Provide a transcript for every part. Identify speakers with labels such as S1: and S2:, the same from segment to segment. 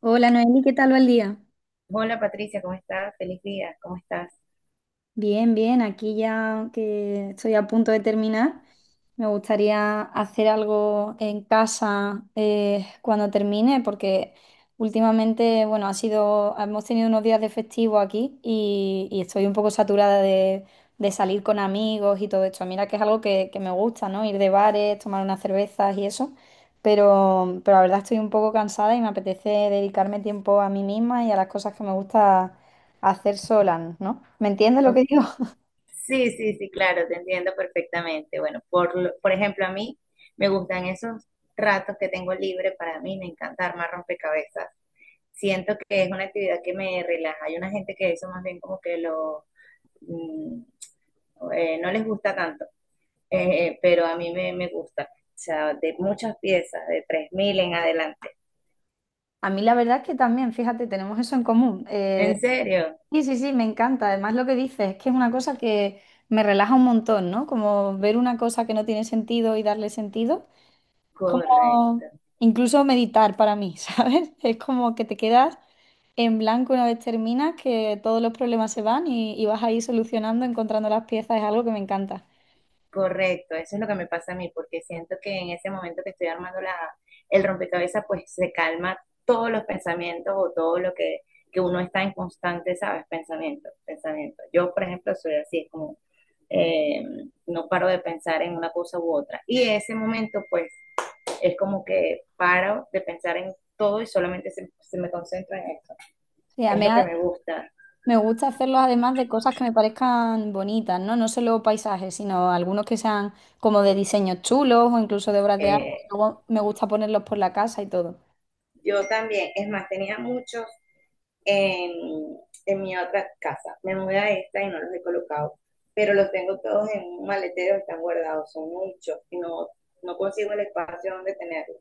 S1: Hola Noeli, ¿qué tal va el día?
S2: Hola Patricia, ¿cómo estás? Feliz día, ¿cómo estás?
S1: Bien, bien, aquí ya que estoy a punto de terminar, me gustaría hacer algo en casa cuando termine, porque últimamente, bueno, hemos tenido unos días de festivo aquí y estoy un poco saturada de salir con amigos y todo esto. Mira que es algo que me gusta, ¿no? Ir de bares, tomar unas cervezas y eso, pero la verdad estoy un poco cansada y me apetece dedicarme tiempo a mí misma y a las cosas que me gusta hacer solan, ¿no? ¿Me entiendes lo
S2: Ok.
S1: que digo?
S2: Sí, sí, sí, claro, te entiendo perfectamente. Por ejemplo, a mí me gustan esos ratos que tengo libre para mí, me encanta armar rompecabezas. Siento que es una actividad que me relaja. Hay una gente que eso más bien como que mm, no les gusta tanto. Pero a mí me gusta, o sea, de muchas piezas, de 3000 en adelante.
S1: A mí la verdad es que también, fíjate, tenemos eso en común.
S2: ¿En serio?
S1: Sí, sí, sí, me encanta. Además lo que dices es que es una cosa que me relaja un montón, ¿no? Como ver una cosa que no tiene sentido y darle sentido.
S2: Correcto.
S1: Como incluso meditar para mí, ¿sabes? Es como que te quedas en blanco una vez terminas, que todos los problemas se van y vas ahí solucionando, encontrando las piezas. Es algo que me encanta.
S2: Correcto, eso es lo que me pasa a mí, porque siento que en ese momento que estoy armando el rompecabezas, pues se calma todos los pensamientos o todo que uno está en constante, ¿sabes? Pensamiento, pensamiento. Yo, por ejemplo, soy así, es como, eh, no paro de pensar en una cosa u otra. Y ese momento, pues, es como que paro de pensar en todo y solamente se me concentro en eso.
S1: Sí,
S2: Es lo que me gusta.
S1: me gusta hacerlos además de cosas que me parezcan bonitas, ¿no? No solo paisajes, sino algunos que sean como de diseños chulos o incluso de obras de arte.
S2: Eh,
S1: Luego me gusta ponerlos por la casa y todo.
S2: yo también, es más, tenía muchos en, en mi otra casa. Me mudé a esta y no los he colocado, pero los tengo todos en un maletero, están guardados, son muchos y no, no consigo el espacio donde tenerlos.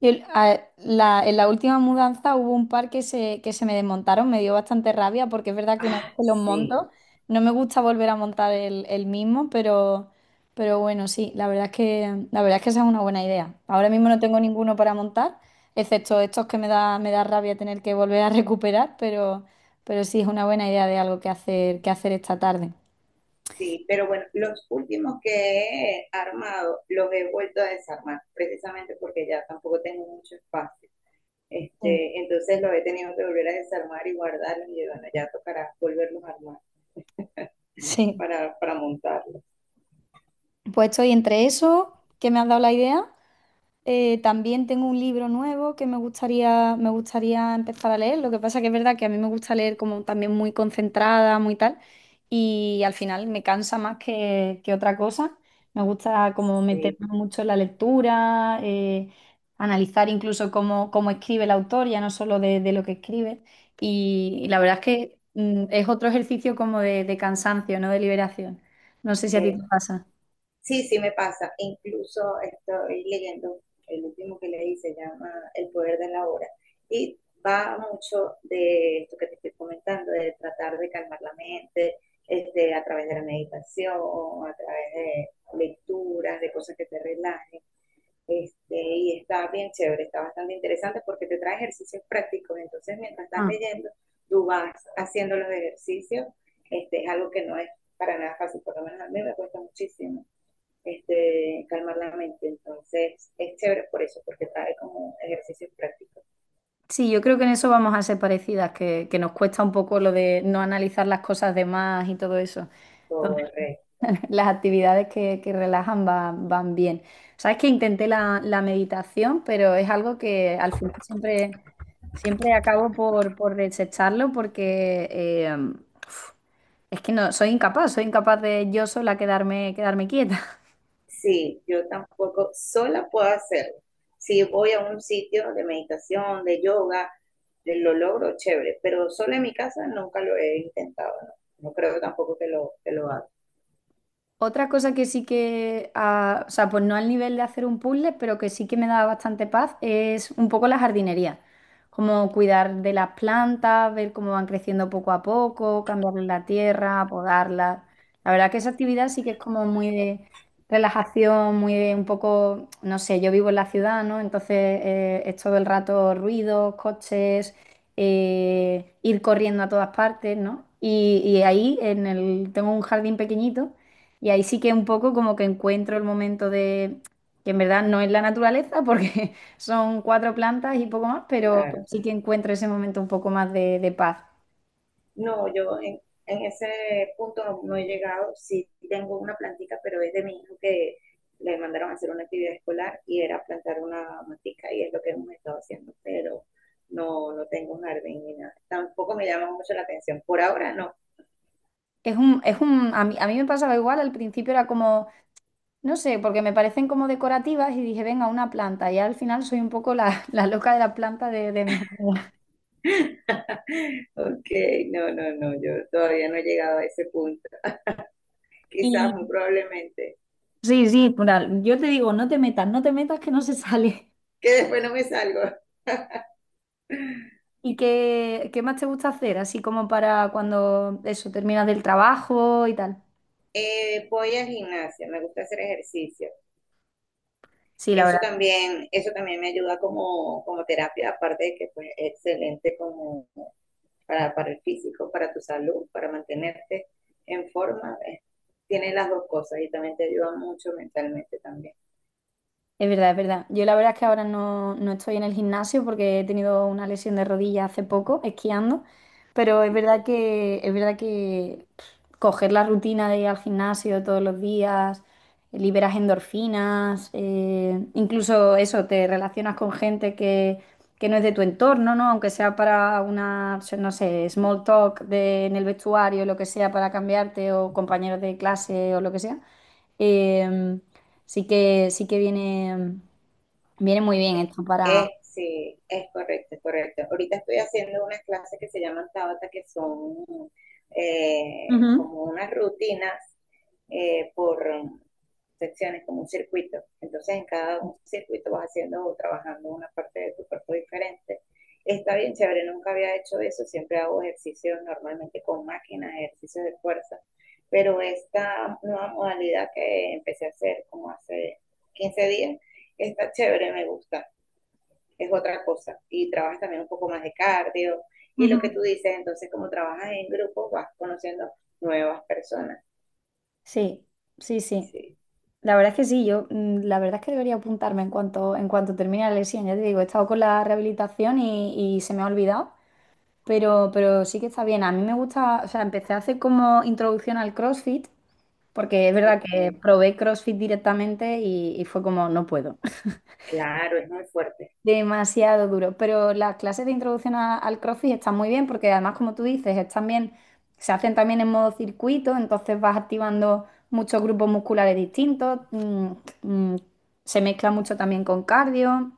S1: En la última mudanza hubo un par que se me desmontaron, me dio bastante rabia porque es verdad que una vez
S2: Ah,
S1: que los
S2: sí,
S1: monto, no me gusta volver a montar el mismo, pero bueno, sí, la verdad es que esa es una buena idea. Ahora mismo no tengo ninguno para montar, excepto estos que me da rabia tener que volver a recuperar, pero sí es una buena idea de algo que hacer esta tarde.
S2: sí, pero bueno, los últimos que he armado los he vuelto a desarmar, precisamente porque ya tampoco tengo mucho espacio.
S1: Sí.
S2: Este, entonces los he tenido que volver a desarmar y guardarlos y bueno, ya tocará volverlos a armar
S1: Sí.
S2: para montarlos.
S1: Pues estoy entre eso, que me has dado la idea. También tengo un libro nuevo que me gustaría empezar a leer. Lo que pasa que es verdad que a mí me gusta leer como también muy concentrada, muy tal, y al final me cansa más que otra cosa. Me gusta como
S2: Sí,
S1: meterme mucho en la lectura, analizar incluso cómo escribe el autor, ya no solo de lo que escribe. Y la verdad es que es otro ejercicio como de cansancio, no de liberación. No sé si a ti
S2: eh,
S1: te pasa.
S2: sí, sí me pasa. Incluso estoy leyendo el último que leí, se llama El poder de la hora. Y va mucho de esto que te estoy comentando, de tratar de calmar la mente, este, a través de la meditación, a través de lecturas, de cosas que te relajen. Este, y está bien chévere, está bastante interesante porque te trae ejercicios prácticos. Entonces, mientras estás
S1: Ah.
S2: leyendo, tú vas haciendo los ejercicios. Este, es algo que no es para nada fácil, por lo menos a mí me cuesta muchísimo este, calmar la mente. Entonces, es chévere por eso, porque trae como ejercicios prácticos.
S1: Sí, yo creo que en eso vamos a ser parecidas, que nos cuesta un poco lo de no analizar las cosas de más y todo eso. Entonces,
S2: Correcto.
S1: las actividades que relajan van bien. Sabes que intenté la meditación, pero es algo que al final siempre, siempre acabo por desecharlo porque uf, es que no, soy incapaz de yo sola quedarme quieta.
S2: Sí, yo tampoco sola puedo hacerlo. Si voy a un sitio de meditación, de yoga, lo logro chévere, pero sola en mi casa nunca lo he intentado, no, no creo tampoco que que lo haga.
S1: Otra cosa que sí que, ah, o sea, pues no al nivel de hacer un puzzle, pero que sí que me da bastante paz, es un poco la jardinería. Como cuidar de las plantas, ver cómo van creciendo poco a poco, cambiarles la tierra, podarlas. La verdad que esa actividad sí que es como muy de relajación, muy de un poco, no sé, yo vivo en la ciudad, ¿no? Entonces es todo el rato ruidos, coches, ir corriendo a todas partes, ¿no? Y ahí tengo un jardín pequeñito. Y ahí sí que un poco como que encuentro el momento de, que en verdad no es la naturaleza, porque son cuatro plantas y poco más, pero
S2: Claro.
S1: sí que encuentro ese momento un poco más de paz.
S2: No, yo en ese punto no, no he llegado. Sí tengo una plantica, pero es de mi hijo que le mandaron a hacer una actividad escolar y era plantar una matica y es lo que hemos estado haciendo, pero no, no tengo un jardín ni nada. Tampoco me llama mucho la atención. Por ahora no.
S1: Es un, a mí me pasaba igual, al principio era como, no sé, porque me parecen como decorativas y dije, venga, una planta, y al final soy un poco la loca de la planta de mis amigas.
S2: Ok, no, no, no, yo todavía no he llegado a ese punto. Quizás,
S1: Y
S2: muy probablemente,
S1: sí, sí, plural, yo te digo, no te metas, no te metas que no se sale.
S2: que después no me salgo.
S1: ¿Y qué más te gusta hacer? Así como para cuando eso terminas del trabajo y tal.
S2: Voy al gimnasio, me gusta hacer ejercicio.
S1: Sí, la verdad
S2: Eso también me ayuda como, como terapia, aparte de que pues, es excelente como para el físico, para tu salud, para mantenerte en forma. Tiene las dos cosas y también te ayuda mucho mentalmente también.
S1: es verdad, es verdad. Yo la verdad es que ahora no estoy en el gimnasio porque he tenido una lesión de rodilla hace poco, esquiando, pero es
S2: Ok.
S1: verdad que, es verdad que pff, coger la rutina de ir al gimnasio todos los días, liberas endorfinas, incluso eso, te relacionas con gente que no es de tu entorno, ¿no? Aunque sea para una, no sé, small talk en el vestuario, lo que sea, para cambiarte, o compañeros de clase o lo que sea. Em, sí que viene muy bien esto para...
S2: Sí, es correcto, es correcto. Ahorita estoy haciendo unas clases que se llaman Tabata, que son
S1: Ujú,
S2: como unas rutinas por secciones, como un circuito. Entonces, en cada un circuito vas haciendo o trabajando una parte de tu cuerpo diferente. Está bien chévere, nunca había hecho eso, siempre hago ejercicios normalmente con máquinas, ejercicios de fuerza, pero esta nueva modalidad que empecé a hacer como hace 15 días, está chévere, me gusta es otra cosa. Y trabajas también un poco más de cardio. Y
S1: ujú.
S2: lo que tú dices, entonces como trabajas en grupo vas conociendo nuevas personas.
S1: Sí, sí, sí.
S2: Sí,
S1: La verdad es que sí, yo la verdad es que debería apuntarme en cuanto termine la lesión. Ya te digo, he estado con la rehabilitación y se me ha olvidado, pero sí que está bien. A mí me gusta, o sea, empecé a hacer como introducción al CrossFit, porque es verdad que
S2: porque
S1: probé CrossFit directamente y fue como, no puedo.
S2: claro, es muy fuerte.
S1: Demasiado duro, pero las clases de introducción al CrossFit están muy bien porque además, como tú dices, es también, se hacen también en modo circuito, entonces vas activando muchos grupos musculares distintos, mm, se mezcla mucho también con cardio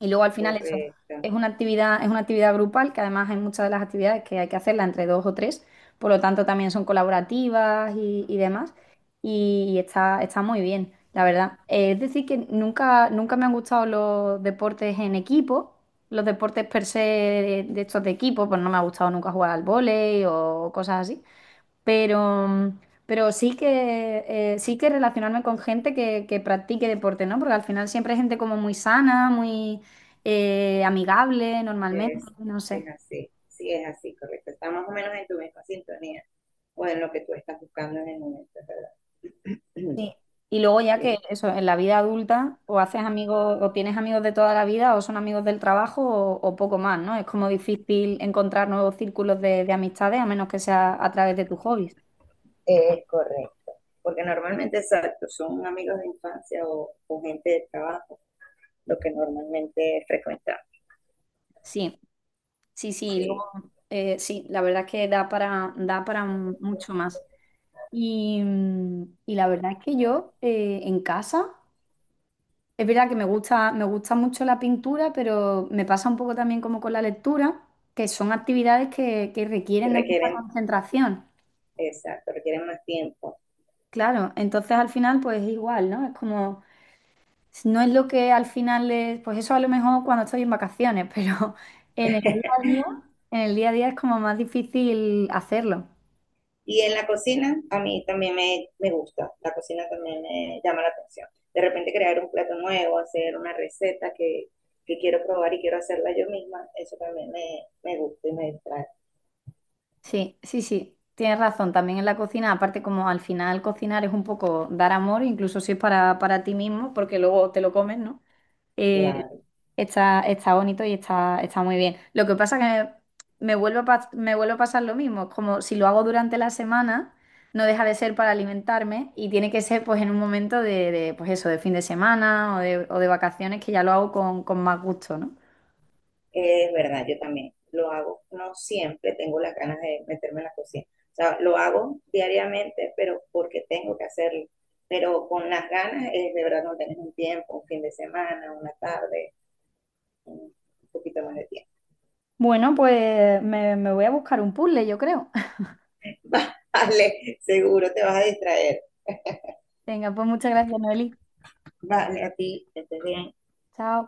S1: y luego al final eso
S2: Correcto,
S1: es una actividad grupal que además hay muchas de las actividades que hay que hacerla entre dos o tres, por lo tanto también son colaborativas y demás y está muy bien, la verdad. Es decir, que nunca, nunca me han gustado los deportes en equipo, los deportes per se de estos de equipo, pues no me ha gustado nunca jugar al vóley o cosas así, pero, mm, pero sí que relacionarme con gente que practique deporte, ¿no? Porque al final siempre hay gente como muy sana, muy amigable normalmente,
S2: es,
S1: no sé.
S2: es así. Sí, es así, correcto. Está más o menos en tu misma sintonía o en lo que tú estás buscando en el momento, ¿verdad?
S1: Sí. Y luego ya que
S2: Sí,
S1: eso, en la vida adulta, o haces amigos, o tienes amigos de toda la vida, o son amigos del trabajo, o poco más, ¿no? Es como difícil encontrar nuevos círculos de amistades, a menos que sea a través de tus hobbies.
S2: es correcto. Porque normalmente, exacto, son amigos de infancia o gente de trabajo, lo que normalmente frecuentamos.
S1: Sí, sí, sí, y
S2: Sí,
S1: luego, sí, la verdad es que da para mucho más. Y la verdad es que yo en casa. Es verdad que me gusta mucho la pintura, pero me pasa un poco también como con la lectura, que son actividades que
S2: que
S1: requieren de mucha
S2: requieren,
S1: concentración.
S2: exacto, requieren más tiempo.
S1: Claro, entonces al final pues es igual, ¿no? Es como, no es lo que al final es, pues eso a lo mejor cuando estoy en vacaciones, pero en el día a día, en el día a día es como más difícil hacerlo.
S2: Y en la cocina, a mí también me gusta, la cocina también me llama la atención. De repente crear un plato nuevo, hacer una receta que quiero probar y quiero hacerla yo misma, eso también me gusta y me distrae.
S1: Sí, sí, sí, tienes razón, también en la cocina, aparte como al final cocinar es un poco dar amor, incluso si es para ti mismo, porque luego te lo comes, ¿no? Eh,
S2: Claro,
S1: está bonito y está muy bien. Lo que pasa que me vuelve a pasar lo mismo, como si lo hago durante la semana, no deja de ser para alimentarme y tiene que ser pues en un momento pues eso, de fin de semana o de vacaciones que ya lo hago con más gusto, ¿no?
S2: es verdad, yo también lo hago. No siempre tengo las ganas de meterme en la cocina. O sea, lo hago diariamente, pero porque tengo que hacerlo. Pero con las ganas, es de verdad no tenés un tiempo, un fin de semana, una tarde, un poquito más de tiempo.
S1: Bueno, pues me voy a buscar un puzzle, yo creo.
S2: Vale, seguro te vas a distraer.
S1: Venga, pues muchas gracias, Noeli.
S2: Vale, a ti, que estés bien.
S1: Chao.